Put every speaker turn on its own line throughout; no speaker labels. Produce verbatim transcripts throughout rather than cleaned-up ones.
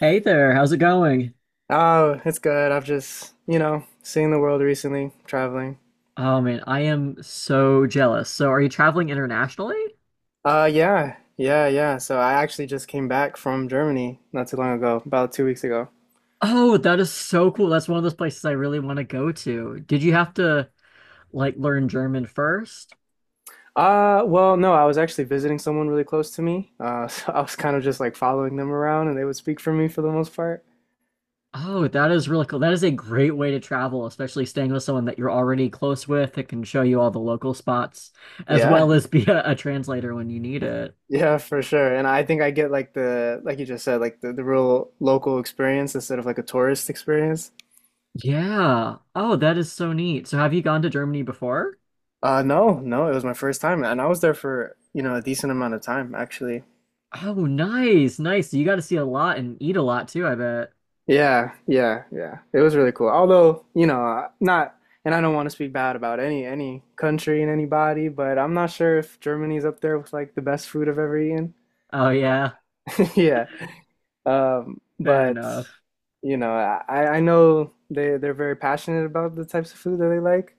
Hey there, how's it going?
Oh, it's good. I've just, you know, seen the world recently, traveling.
Oh man, I am so jealous. So, are you traveling internationally?
Uh, yeah, yeah, yeah. So I actually just came back from Germany not too long ago, about two weeks ago.
Oh, that is so cool. That's one of those places I really want to go to. Did you have to like learn German first?
Uh, well, no, I was actually visiting someone really close to me. Uh, so I was kind of just like following them around and they would speak for me for the most part.
Oh, that is really cool. That is a great way to travel, especially staying with someone that you're already close with that can show you all the local spots, as
Yeah,
well as be a, a translator when you need it.
yeah, for sure. And I think I get like the, like you just said, like the, the real local experience instead of like a tourist experience.
Yeah. Oh, that is so neat. So, have you gone to Germany before?
Uh, no, no, it was my first time and I was there for, you know, a decent amount of time actually.
Oh, nice, nice. You got to see a lot and eat a lot too, I bet.
Yeah, yeah, yeah. It was really cool. Although, you know, uh, not, and I don't want to speak bad about any any country and anybody, but I'm not sure if Germany's up there with like the best food I've ever eaten.
Oh yeah,
Yeah. Um,
fair
but
enough.
you know, I I know they they're very passionate about the types of food that they like.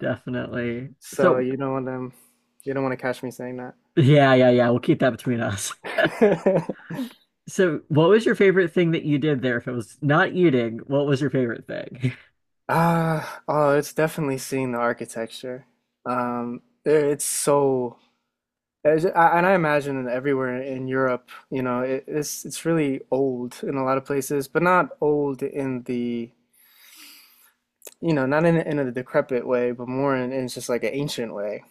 Definitely.
So
So
you don't want them, you don't want to catch me saying that.
yeah, yeah, yeah, we'll keep that between us. So what was your favorite thing that you did there? If it was not eating, what was your favorite thing?
Ah, oh, it's definitely seeing the architecture. Um, there- it's so As- I- And I imagine everywhere in Europe, you know, it, it's it's really old in a lot of places, but not old in the, you know, not in in a decrepit way, but more in, in just like an ancient way.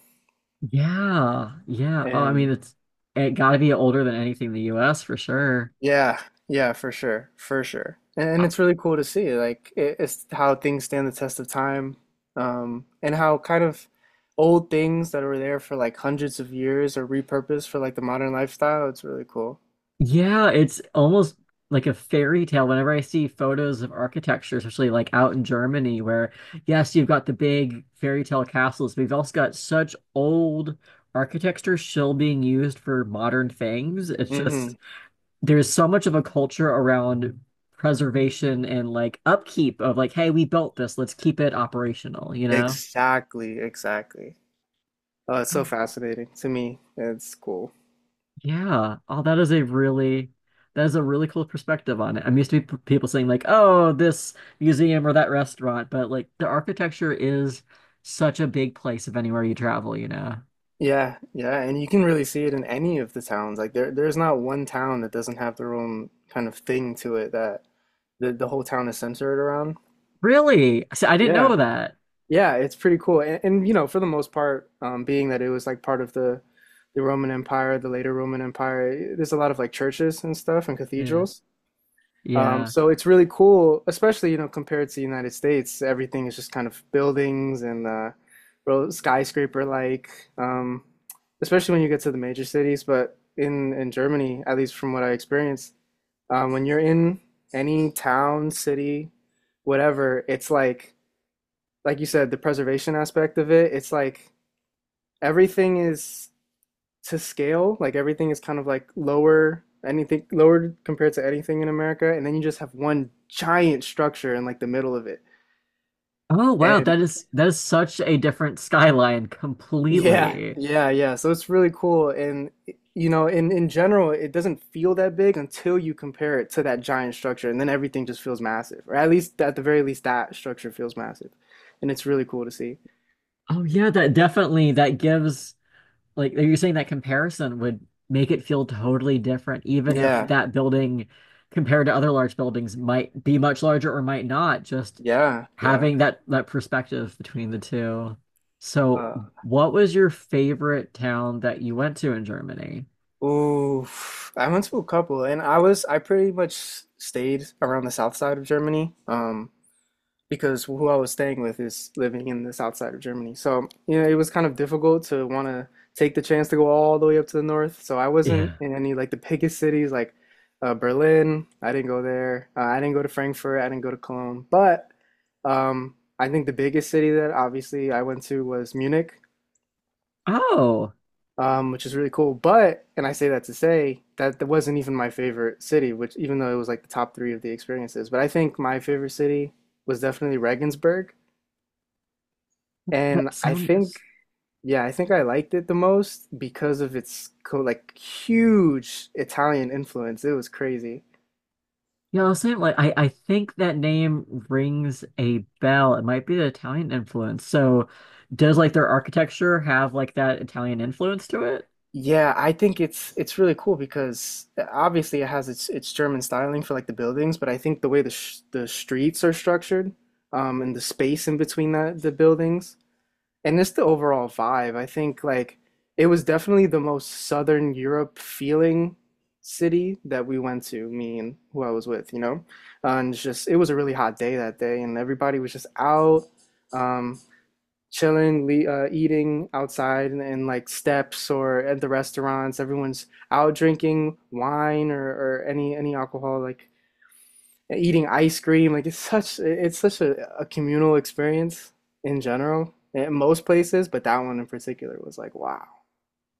Yeah, yeah. Oh, I mean,
And
it's it got to be older than anything in the U S for sure.
Yeah, yeah, for sure, for sure. And, and it's really cool to see, like it, it's how things stand the test of time, um, and how kind of old things that were there for like hundreds of years are repurposed for like the modern lifestyle. It's really cool.
Yeah, it's almost like a fairy tale whenever I see photos of architecture, especially like out in Germany, where yes, you've got the big fairy tale castles, but you've also got such old architecture still being used for modern things. It's
hmm
just there's so much of a culture around preservation and like upkeep of like, hey, we built this, let's keep it operational, you know?
Exactly, exactly. Oh, it's so fascinating to me. It's cool.
Yeah. Oh, that is a really that is a really cool perspective on it. I'm used to p- people saying like, "Oh, this museum or that restaurant," but like the architecture is such a big place of anywhere you travel, you know.
Yeah, yeah, and you can really see it in any of the towns. Like there there's not one town that doesn't have their own kind of thing to it that the the whole town is centered around.
Really? See, I didn't
Yeah.
know that.
Yeah, it's pretty cool. And, and you know, for the most part, um, being that it was like part of the the Roman Empire, the later Roman Empire, there's a lot of like churches and stuff and
Yeah.
cathedrals. Um,
Yeah.
so it's really cool, especially, you know, compared to the United States, everything is just kind of buildings and uh, real skyscraper like, um, especially when you get to the major cities. But in in Germany, at least from what I experienced, um, when you're in any town, city, whatever, it's like like you said, the preservation aspect of it, it's like everything is to scale. Like everything is kind of like lower, anything lower compared to anything in America, and then you just have one giant structure in like the middle of it.
Oh, wow,
And
that is that is such a different skyline
Yeah,
completely.
yeah, yeah. So it's really cool. And you know, in in general, it doesn't feel that big until you compare it to that giant structure, and then everything just feels massive. Or at least at the very least, that structure feels massive, and it's really cool to see.
Oh yeah, that definitely that gives like, are you saying that comparison would make it feel totally different, even if
Yeah,
that building compared to other large buildings might be much larger or might not, just
yeah, yeah.
having that that perspective between the two. So,
Uh,
what was your favorite town that you went to in Germany?
Ooh, I went to a couple, and I was I pretty much stayed around the south side of Germany, um, because who I was staying with is living in the south side of Germany. So, you know, it was kind of difficult to want to take the chance to go all the way up to the north. So I wasn't
Yeah.
in any like the biggest cities like uh, Berlin. I didn't go there. Uh, I didn't go to Frankfurt. I didn't go to Cologne. But um, I think the biggest city that obviously I went to was Munich
Oh,
um, which is really cool. But, and I say that to say that that wasn't even my favorite city, which even though it was like the top three of the experiences, but I think my favorite city was definitely Regensburg, and
that
I think
sounds
yeah, I think I liked it the most because of its co like huge Italian influence. It was crazy.
yeah, I was saying like I, I think that name rings a bell. It might be the Italian influence. So does like their architecture have like that Italian influence to it?
Yeah, I think it's it's really cool because uh, obviously it has its its German styling for like the buildings, but I think the way the sh the streets are structured, um, and the space in between the the buildings and it's the overall vibe. I think like it was definitely the most Southern Europe feeling city that we went to, me and who I was with, you know? Uh, and it's just, it was a really hot day that day, and everybody was just out, um, chilling, le uh, eating outside and, and like steps or at the restaurants. Everyone's out drinking wine or, or any any alcohol, like eating ice cream. Like it's such it's such a, a communal experience in general in most places, but that one in particular was like, wow.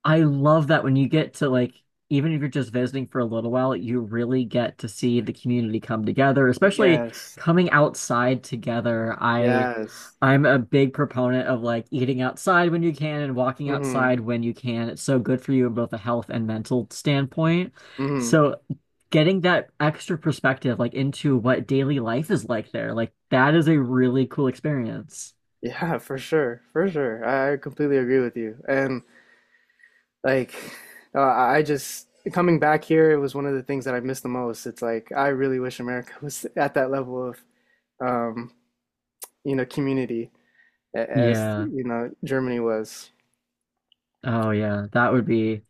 I love that when you get to like, even if you're just visiting for a little while, you really get to see the community come together, especially
Yes.
coming outside together. I
Yes.
I'm a big proponent of like eating outside when you can and walking
Mm-hmm.
outside when you can. It's so good for you in both a health and mental standpoint.
Mm-hmm.
So getting that extra perspective like into what daily life is like there, like that is a really cool experience.
Yeah, for sure. For sure. I I completely agree with you. And like uh, I just Coming back here, it was one of the things that I missed the most. It's like I really wish America was at that level of um, you know, community a- as,
Yeah.
you know, Germany was.
Oh yeah, that would be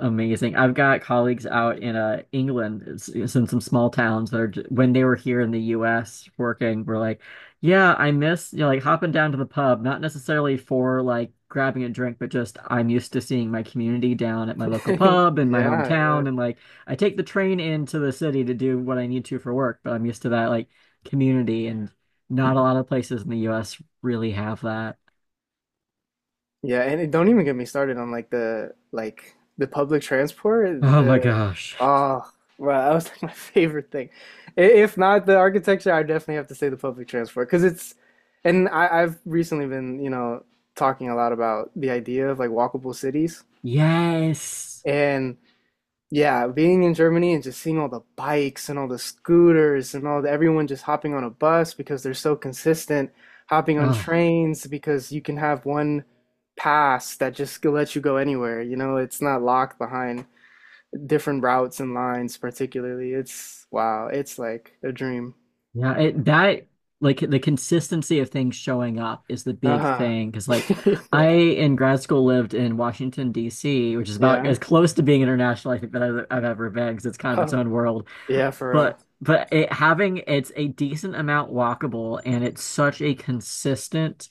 amazing. I've got colleagues out in uh, England. it's, it's in some small towns that are j when they were here in the U S working, were like, yeah, I miss you know, like hopping down to the pub, not necessarily for like grabbing a drink, but just I'm used to seeing my community down at my local pub in my
Yeah, yeah.
hometown, and like I take the train into the city to do what I need to for work, but I'm used to that like community, and not a lot of places in the U S really have that.
Yeah, and it, don't even get me started on like the like the public transport.
Oh my
The
gosh.
oh, well, that was like my favorite thing. I- If not the architecture, I definitely have to say the public transport because it's, and I, I've recently been, you know, talking a lot about the idea of like walkable cities.
Yes.
And. Yeah, being in Germany and just seeing all the bikes and all the scooters and all the everyone just hopping on a bus because they're so consistent, hopping on
Ugh.
trains because you can have one pass that just lets you go anywhere. You know, it's not locked behind different routes and lines, particularly. It's wow, it's like a dream.
Yeah, it, that like the consistency of things showing up is the big
Uh-huh.
thing. Because like I
Yeah.
in grad school lived in Washington, D C, which is about as
Yeah.
close to being international I think that I've, I've ever been because it's kind of its own world.
Yeah, for
But but it having it's a decent amount walkable and it's such a consistent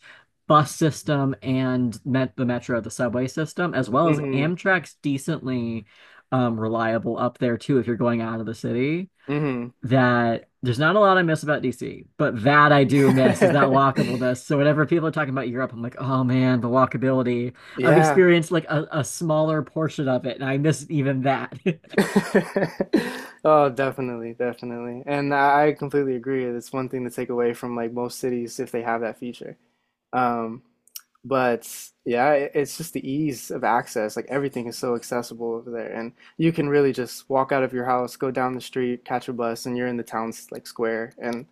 bus system and met the metro, the subway system, as well as
real.
Amtrak's decently um, reliable up there too if you're going out of the city
Mm-hmm.
that there's not a lot I miss about D C, but that I do miss is that
Mm-hmm.
walkableness. So whenever people are talking about Europe, I'm like, oh man, the walkability. I've
Yeah.
experienced like a, a smaller portion of it, and I miss even that.
Oh, definitely, definitely. And I I completely agree. It's one thing to take away from like most cities if they have that feature. Um, but yeah, it, it's just the ease of access. Like everything is so accessible over there, and you can really just walk out of your house, go down the street, catch a bus, and you're in the town's like square. And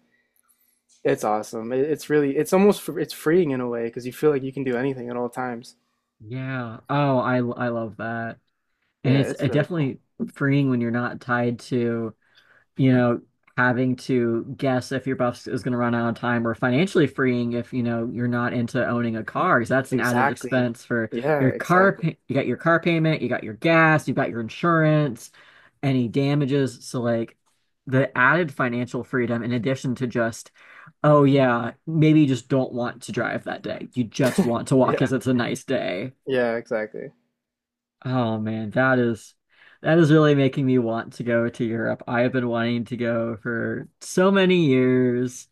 it's awesome. It, it's really, it's almost, fr- it's freeing in a way because you feel like you can do anything at all times.
Yeah. Oh, I I love that. And
Yeah,
it's uh,
it's really cool.
definitely freeing when you're not tied to you know, having to guess if your buff is going to run out of time or financially freeing if, you know, you're not into owning a car because that's an added
Exactly.
expense for
Yeah,
your car.
exactly.
pa- You got your car payment, you got your gas, you got your insurance, any damages. So, like, the added financial freedom in addition to just, oh, yeah, maybe you just don't want to drive that day. You just want to walk
Yeah,
because it's a nice day.
yeah, exactly.
Oh man, that is that is really making me want to go to Europe. I have been wanting to go for so many years.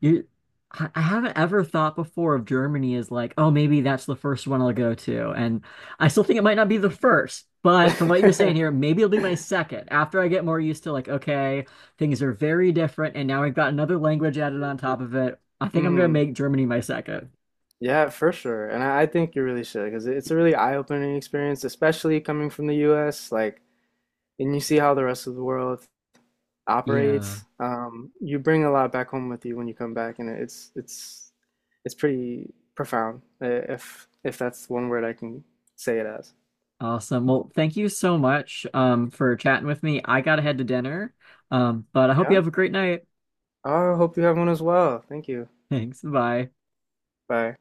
You, I I haven't ever thought before of Germany as like, oh, maybe that's the first one I'll go to. And I still think it might not be the first, but from what you're saying here, maybe it'll be my second after I get more used to like, okay, things are very different, and now I've got another language added on top of it. I think I'm gonna
hmm
make Germany my second.
Yeah, for sure. And I, I think you really should because it's a really eye-opening experience, especially coming from the U S. Like, and you see how the rest of the world
Yeah.
operates. Um, you bring a lot back home with you when you come back, and it's it's it's pretty profound, uh, if if that's one word I can say it as.
Awesome. Well, thank you so much um, for chatting with me. I gotta head to dinner, um, but I hope you
Yeah.
have a great night.
I hope you have one as well. Thank you.
Thanks. Bye.
Bye.